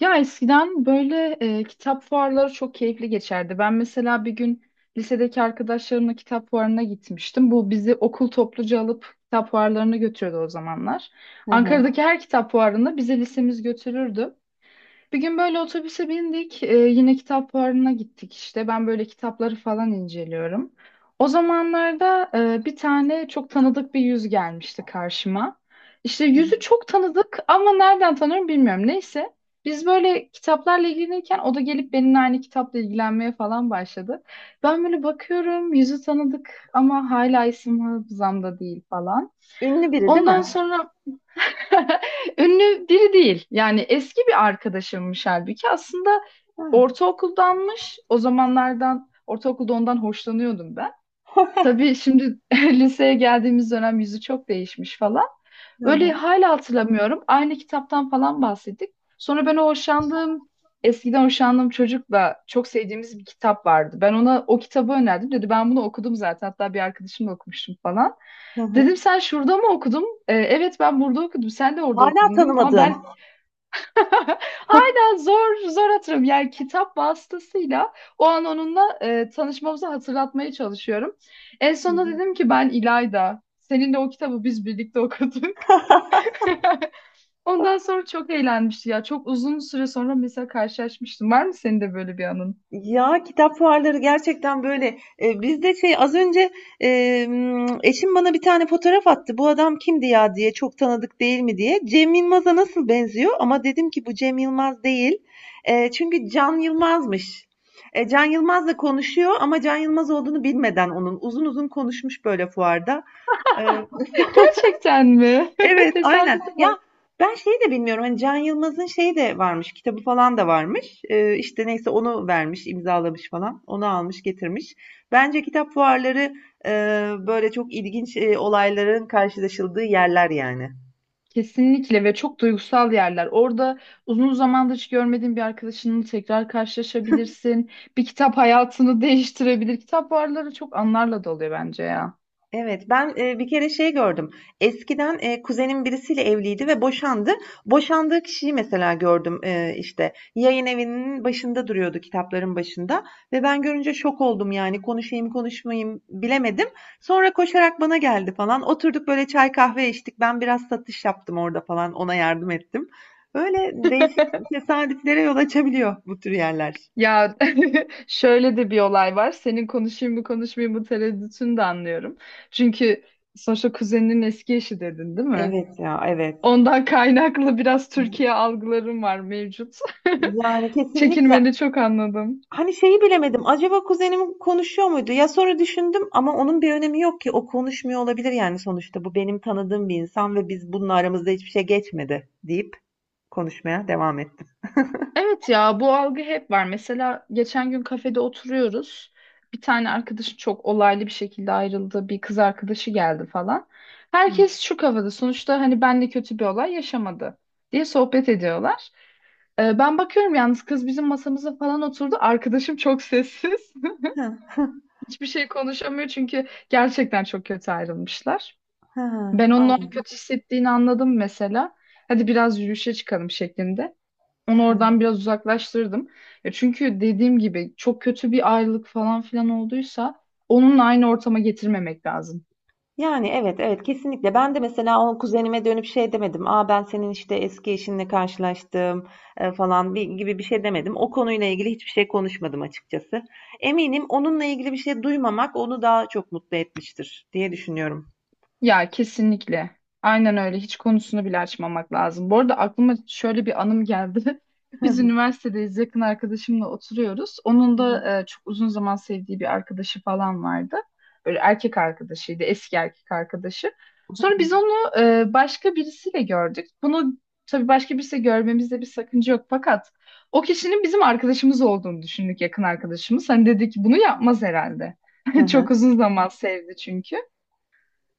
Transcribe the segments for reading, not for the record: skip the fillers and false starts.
Ya eskiden böyle kitap fuarları çok keyifli geçerdi. Ben mesela bir gün lisedeki arkadaşlarımla kitap fuarına gitmiştim. Bu bizi okul topluca alıp kitap fuarlarına götürüyordu o zamanlar. Hı hı. Ankara'daki her kitap fuarında bizi lisemiz götürürdü. Bir gün böyle otobüse bindik. Yine kitap fuarına gittik işte. Ben böyle kitapları falan inceliyorum. O zamanlarda bir tane çok tanıdık bir yüz gelmişti karşıma. İşte yüzü çok tanıdık ama nereden tanıyorum bilmiyorum. Neyse. Biz böyle kitaplarla ilgilenirken o da gelip benimle aynı kitapla ilgilenmeye falan başladı. Ben böyle bakıyorum yüzü tanıdık ama hala isim hafızamda değil falan. Ünlü biri değil Ondan mi? sonra ünlü biri değil. Yani eski bir arkadaşımmış halbuki. Aslında Ha. ortaokuldanmış. O zamanlardan ortaokulda ondan hoşlanıyordum ben. Tabii şimdi liseye geldiğimiz dönem yüzü çok değişmiş falan. Hı Böyle hı. hala hatırlamıyorum. Aynı kitaptan falan bahsettik. Sonra ben o hoşlandığım, eskiden hoşlandığım çocukla çok sevdiğimiz bir kitap vardı. Ben ona o kitabı önerdim. Dedi ben bunu okudum zaten. Hatta bir arkadaşımla okumuştum falan. Hı hı. Dedim sen şurada mı okudun? "E, evet ben burada okudum. Sen de orada Hala okudun değil mi? Falan." tanımadığın. Ben hala zor zor hatırlıyorum. Yani kitap vasıtasıyla o an onunla tanışmamızı hatırlatmaya çalışıyorum. En sonunda dedim ki ben İlayda. Seninle o kitabı biz birlikte okuduk. Ondan sonra çok eğlenmişti ya. Çok uzun süre sonra mesela karşılaşmıştım. Var mı senin de böyle bir anın? Ya kitap fuarları gerçekten böyle. Biz de şey az önce e, eşim bana bir tane fotoğraf attı. Bu adam kimdi ya diye, çok tanıdık değil mi diye. Cem Yılmaz'a nasıl benziyor? Ama dedim ki bu Cem Yılmaz değil. Çünkü Can Yılmaz'mış. Can Yılmaz'la konuşuyor ama Can Yılmaz olduğunu bilmeden onun uzun uzun konuşmuş böyle fuarda. E, Gerçekten mi? Evet, aynen. Tesadüfe Ya bak. ben şeyi de bilmiyorum. Hani Can Yılmaz'ın şeyi de varmış. Kitabı falan da varmış. İşte neyse onu vermiş, imzalamış falan. Onu almış, getirmiş. Bence kitap fuarları e, böyle çok ilginç olayların karşılaşıldığı yerler yani. Kesinlikle ve çok duygusal yerler. Orada uzun zamandır hiç görmediğin bir arkadaşınla tekrar karşılaşabilirsin. Bir kitap hayatını değiştirebilir. Kitap varları çok anlarla doluyor bence ya. Evet, ben, bir kere şey gördüm. Eskiden, kuzenim birisiyle evliydi ve boşandı. Boşandığı kişiyi mesela gördüm, işte, yayın evinin başında duruyordu, kitapların başında ve ben görünce şok oldum, yani, konuşayım, konuşmayayım bilemedim. Sonra koşarak bana geldi falan. Oturduk, böyle, çay kahve içtik. Ben biraz satış yaptım orada falan, ona yardım ettim. Öyle değişik tesadüflere yol açabiliyor bu tür yerler. Ya şöyle de bir olay var. Senin konuşayım mı konuşmayayım mı tereddütünü de anlıyorum. Çünkü sonuçta kuzeninin eski eşi dedin, değil mi? Evet ya, evet. Ondan kaynaklı biraz Türkiye algılarım var mevcut. Yani, kesinlikle. Çekinmeni çok anladım. Hani şeyi bilemedim. Acaba kuzenim konuşuyor muydu? Ya sonra düşündüm ama onun bir önemi yok ki. O konuşmuyor olabilir yani sonuçta. Bu benim tanıdığım bir insan ve biz bunun aramızda hiçbir şey geçmedi deyip konuşmaya devam ettim. Evet ya, bu algı hep var. Mesela geçen gün kafede oturuyoruz. Bir tane arkadaşım çok olaylı bir şekilde ayrıldı. Bir kız arkadaşı geldi falan. Hı. Herkes şu kafada. Sonuçta hani benle kötü bir olay yaşamadı diye sohbet ediyorlar. Ben bakıyorum yalnız kız bizim masamıza falan oturdu. Arkadaşım çok sessiz. Hı, Hiçbir şey konuşamıyor çünkü gerçekten çok kötü ayrılmışlar. hı, Ben onun ay, onu kötü hissettiğini anladım mesela. Hadi biraz yürüyüşe çıkalım şeklinde. Onu hı. oradan biraz uzaklaştırdım. Ya çünkü dediğim gibi çok kötü bir ayrılık falan filan olduysa onunla aynı ortama getirmemek lazım. Yani evet evet, kesinlikle. Ben de mesela o kuzenime dönüp şey demedim. Aa ben senin işte eski eşinle karşılaştım falan bir, gibi bir şey demedim. O konuyla ilgili hiçbir şey konuşmadım açıkçası. Eminim onunla ilgili bir şey duymamak onu daha çok mutlu etmiştir diye düşünüyorum. Ya, kesinlikle. Aynen öyle. Hiç konusunu bile açmamak lazım. Bu arada aklıma şöyle bir anım geldi. Biz üniversitedeyiz. Yakın arkadaşımla oturuyoruz. Hı Onun hı. da çok uzun zaman sevdiği bir arkadaşı falan vardı. Böyle erkek arkadaşıydı. Eski erkek arkadaşı. Sonra biz onu başka birisiyle gördük. Bunu tabii başka birisiyle görmemizde bir sakınca yok. Fakat o kişinin bizim arkadaşımız olduğunu düşündük, yakın arkadaşımız. Hani dedik bunu yapmaz herhalde. Hı hı. Çok uzun zaman sevdi çünkü.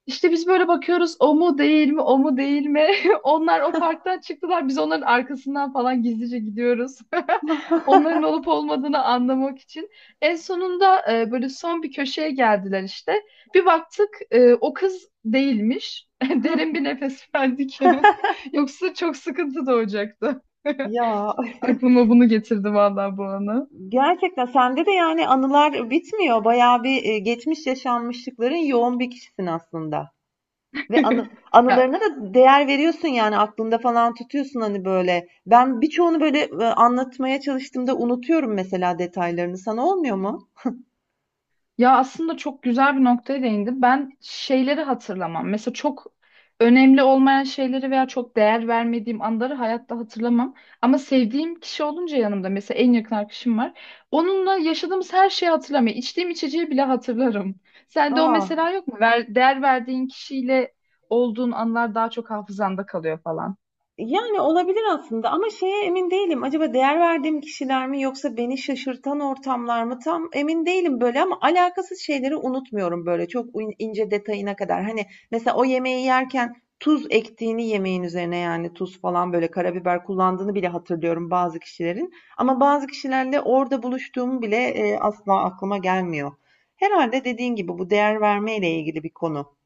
İşte biz böyle bakıyoruz o mu değil mi o mu değil mi? Onlar o parktan çıktılar, biz onların arkasından falan gizlice gidiyoruz. Onların olup olmadığını anlamak için. En sonunda böyle son bir köşeye geldiler işte. Bir baktık, o kız değilmiş. Derin bir nefes verdik. Yoksa çok sıkıntı doğacaktı. Ya Aklıma bunu getirdi vallahi bu anı. gerçekten sende de yani anılar bitmiyor. Bayağı bir geçmiş yaşanmışlıkların yoğun bir kişisin aslında. Ve Ya anılarına da değer veriyorsun yani aklında falan tutuyorsun hani böyle. Ben birçoğunu böyle anlatmaya çalıştığımda unutuyorum mesela detaylarını. Sana olmuyor mu? Ya, aslında çok güzel bir noktaya değindi. Ben şeyleri hatırlamam. Mesela çok önemli olmayan şeyleri veya çok değer vermediğim anları hayatta hatırlamam. Ama sevdiğim kişi olunca yanımda mesela en yakın arkadaşım var. Onunla yaşadığımız her şeyi hatırlamıyorum. İçtiğim içeceği bile hatırlarım. Sende o Aa. mesela yok mu? Değer verdiğin kişiyle olduğun anlar daha çok hafızanda kalıyor falan. Yani, olabilir aslında ama şeye emin değilim, acaba değer verdiğim kişiler mi yoksa beni şaşırtan ortamlar mı? Tam emin değilim, böyle, ama alakasız şeyleri unutmuyorum, böyle, çok ince detayına kadar. Hani, mesela o yemeği yerken tuz ektiğini yemeğin üzerine, yani, tuz falan, böyle, karabiber kullandığını bile hatırlıyorum bazı kişilerin, ama bazı kişilerle orada buluştuğum bile, asla aklıma gelmiyor. Herhalde dediğin gibi bu değer vermeyle ilgili bir konu.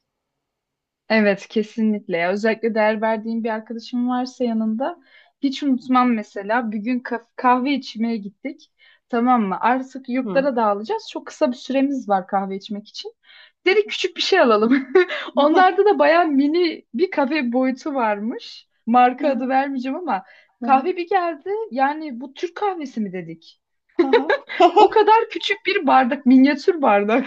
Evet, kesinlikle ya. Özellikle değer verdiğim bir arkadaşım varsa yanında hiç unutmam mesela. Bir gün kahve içmeye gittik. Tamam mı? Artık yurtlara dağılacağız. Çok kısa bir süremiz var kahve içmek için. Dedik küçük bir şey alalım. Onlarda da bayağı mini bir kafe boyutu varmış. Marka adı vermeyeceğim ama kahve bir geldi. Yani bu Türk kahvesi mi dedik? O kadar küçük bir bardak, minyatür bardak.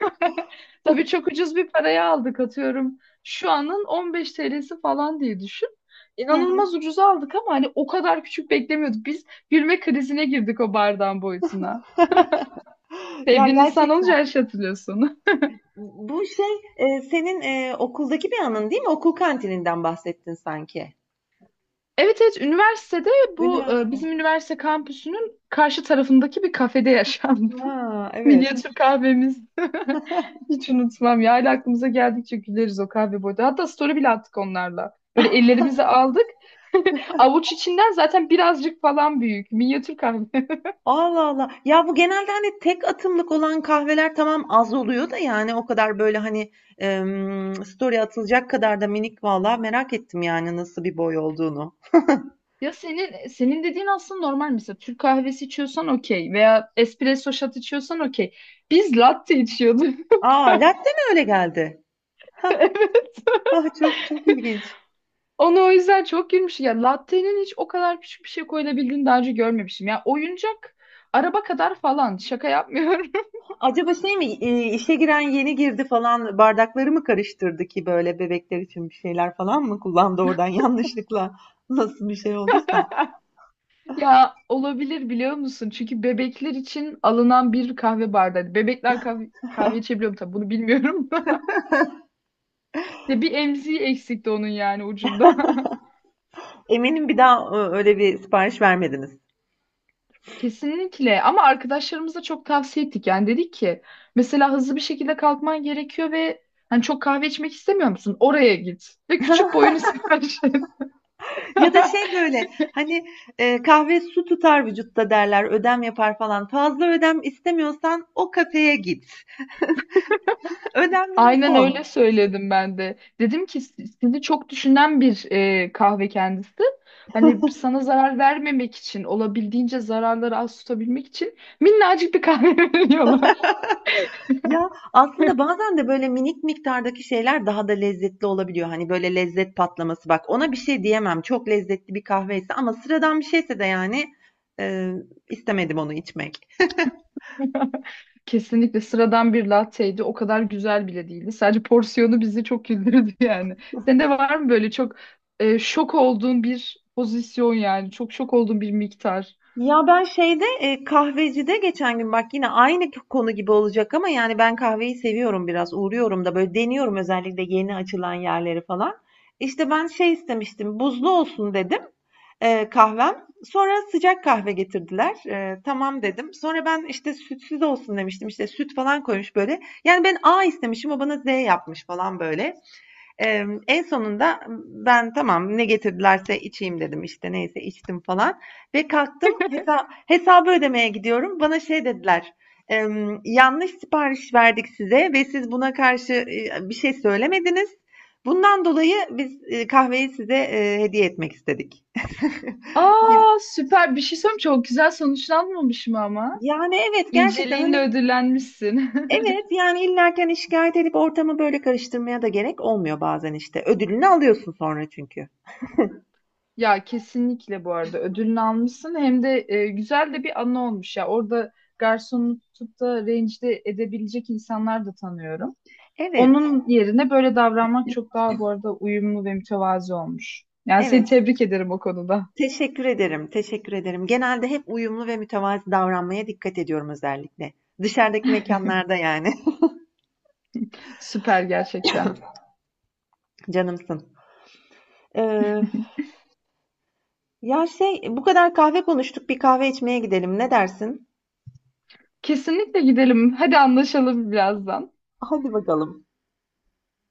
Tabii çok ucuz bir paraya aldık, atıyorum. Şu anın 15 TL'si falan diye düşün. Hı. İnanılmaz ucuza aldık ama hani o kadar küçük beklemiyorduk. Biz gülme krizine girdik o bardağın boyutuna. Ya Sevdiğin insan gerçekten. olunca her şey hatırlıyorsun. Bu şey, senin okuldaki bir anın değil mi? Okul kantininden bahsettin sanki. Evet evet, üniversitede bu Üniversite. bizim üniversite kampüsünün karşı tarafındaki bir kafede yaşandı. Ha, evet. Minyatür kahvemiz. Hiç unutmam ya. Hala aklımıza geldikçe güleriz o kahve boyda. Hatta story bile attık onlarla. Böyle ellerimizi aldık. Avuç içinden zaten birazcık falan büyük. Minyatür kahve. Allah Allah. Ya bu genelde hani tek atımlık olan kahveler tamam az oluyor da yani o kadar böyle hani story atılacak kadar da minik, valla merak ettim yani nasıl bir boy olduğunu. Ya senin dediğin aslında normal, mesela Türk kahvesi içiyorsan okey veya espresso shot içiyorsan okey. Biz latte içiyorduk. Aa latte mi öyle geldi? Ha, Evet. ha çok çok ilginç. Onu o yüzden çok gülmüş. Ya latte'nin hiç o kadar küçük bir şey koyulabildiğini daha önce görmemişim. Ya oyuncak araba kadar falan. Şaka yapmıyorum. Acaba şey mi, işe giren yeni girdi falan bardakları mı karıştırdı ki böyle bebekler için bir şeyler falan mı kullandı oradan yanlışlıkla nasıl bir şey olduysa. Ya olabilir, biliyor musun? Çünkü bebekler için alınan bir kahve bardağı. Hani bebekler kahve, kahve içebiliyor mu tabii bunu bilmiyorum da. Ya bir emziği eksikti onun yani ucunda. Eminim bir daha öyle bir sipariş vermediniz. Kesinlikle, ama arkadaşlarımıza çok tavsiye ettik. Yani dedik ki mesela hızlı bir şekilde kalkman gerekiyor ve hani çok kahve içmek istemiyor musun? Oraya git ve küçük boyunu sipariş et. Ya da şey böyle hani, kahve su tutar vücutta derler, ödem yapar falan. Fazla ödem istemiyorsan o kafeye git. Ödemlere Aynen son. öyle söyledim ben de. Dedim ki "Si- sizi çok düşünen bir kahve kendisi. Hani sana zarar vermemek için, olabildiğince zararları az tutabilmek için minnacık bir kahve veriyorlar." Ya, aslında bazen de böyle minik miktardaki şeyler daha da lezzetli olabiliyor. Hani, böyle, lezzet patlaması. Bak, ona bir şey diyemem. Çok lezzetli bir kahveyse ama sıradan bir şeyse de, yani, eee, istemedim onu içmek. Kesinlikle sıradan bir latteydi. O kadar güzel bile değildi. Sadece porsiyonu bizi çok güldürdü yani. Senin de var mı böyle çok şok olduğun bir pozisyon yani? Çok şok olduğun bir miktar. Ya, ben şeyde, kahvecide geçen gün bak yine aynı konu gibi olacak ama, yani, ben kahveyi seviyorum biraz. Uğruyorum da, böyle, deniyorum özellikle yeni açılan yerleri falan. İşte, ben şey istemiştim, buzlu olsun dedim. Kahvem. Sonra sıcak kahve getirdiler. Tamam dedim. Sonra ben işte sütsüz olsun demiştim. İşte süt falan koymuş böyle. Yani ben A istemişim, o bana Z yapmış falan böyle. En sonunda ben tamam ne getirdilerse içeyim dedim, işte neyse içtim falan. Ve kalktım, hesabı ödemeye gidiyorum. Bana şey dediler. eee, Yanlış sipariş verdik size ve siz buna karşı bir şey söylemediniz. Bundan dolayı biz kahveyi size hediye etmek istedik. Aa, süper. Bir şey söyleyeyim mi? Çok güzel sonuçlanmamış mı ama? Yani evet gerçekten İnceliğinle hani, ödüllenmişsin. evet yani illerken hani şikayet edip ortamı böyle karıştırmaya da gerek olmuyor bazen işte. Ödülünü alıyorsun sonra çünkü. Ya kesinlikle, bu arada ödülünü almışsın, hem de güzel de bir anı olmuş ya. Orada garsonu tutup da rencide edebilecek insanlar da tanıyorum. Evet, Onun yerine böyle davranmak çok daha bu arada uyumlu ve mütevazi olmuş. Yani seni evet. tebrik ederim o konuda. Teşekkür ederim, teşekkür ederim. Genelde hep uyumlu ve mütevazi davranmaya dikkat ediyorum özellikle. Dışarıdaki mekanlarda yani. Süper gerçekten. Canımsın. Ee, ya şey bu kadar kahve konuştuk, bir kahve içmeye gidelim ne dersin? Kesinlikle gidelim. Hadi anlaşalım birazdan. Hadi bakalım.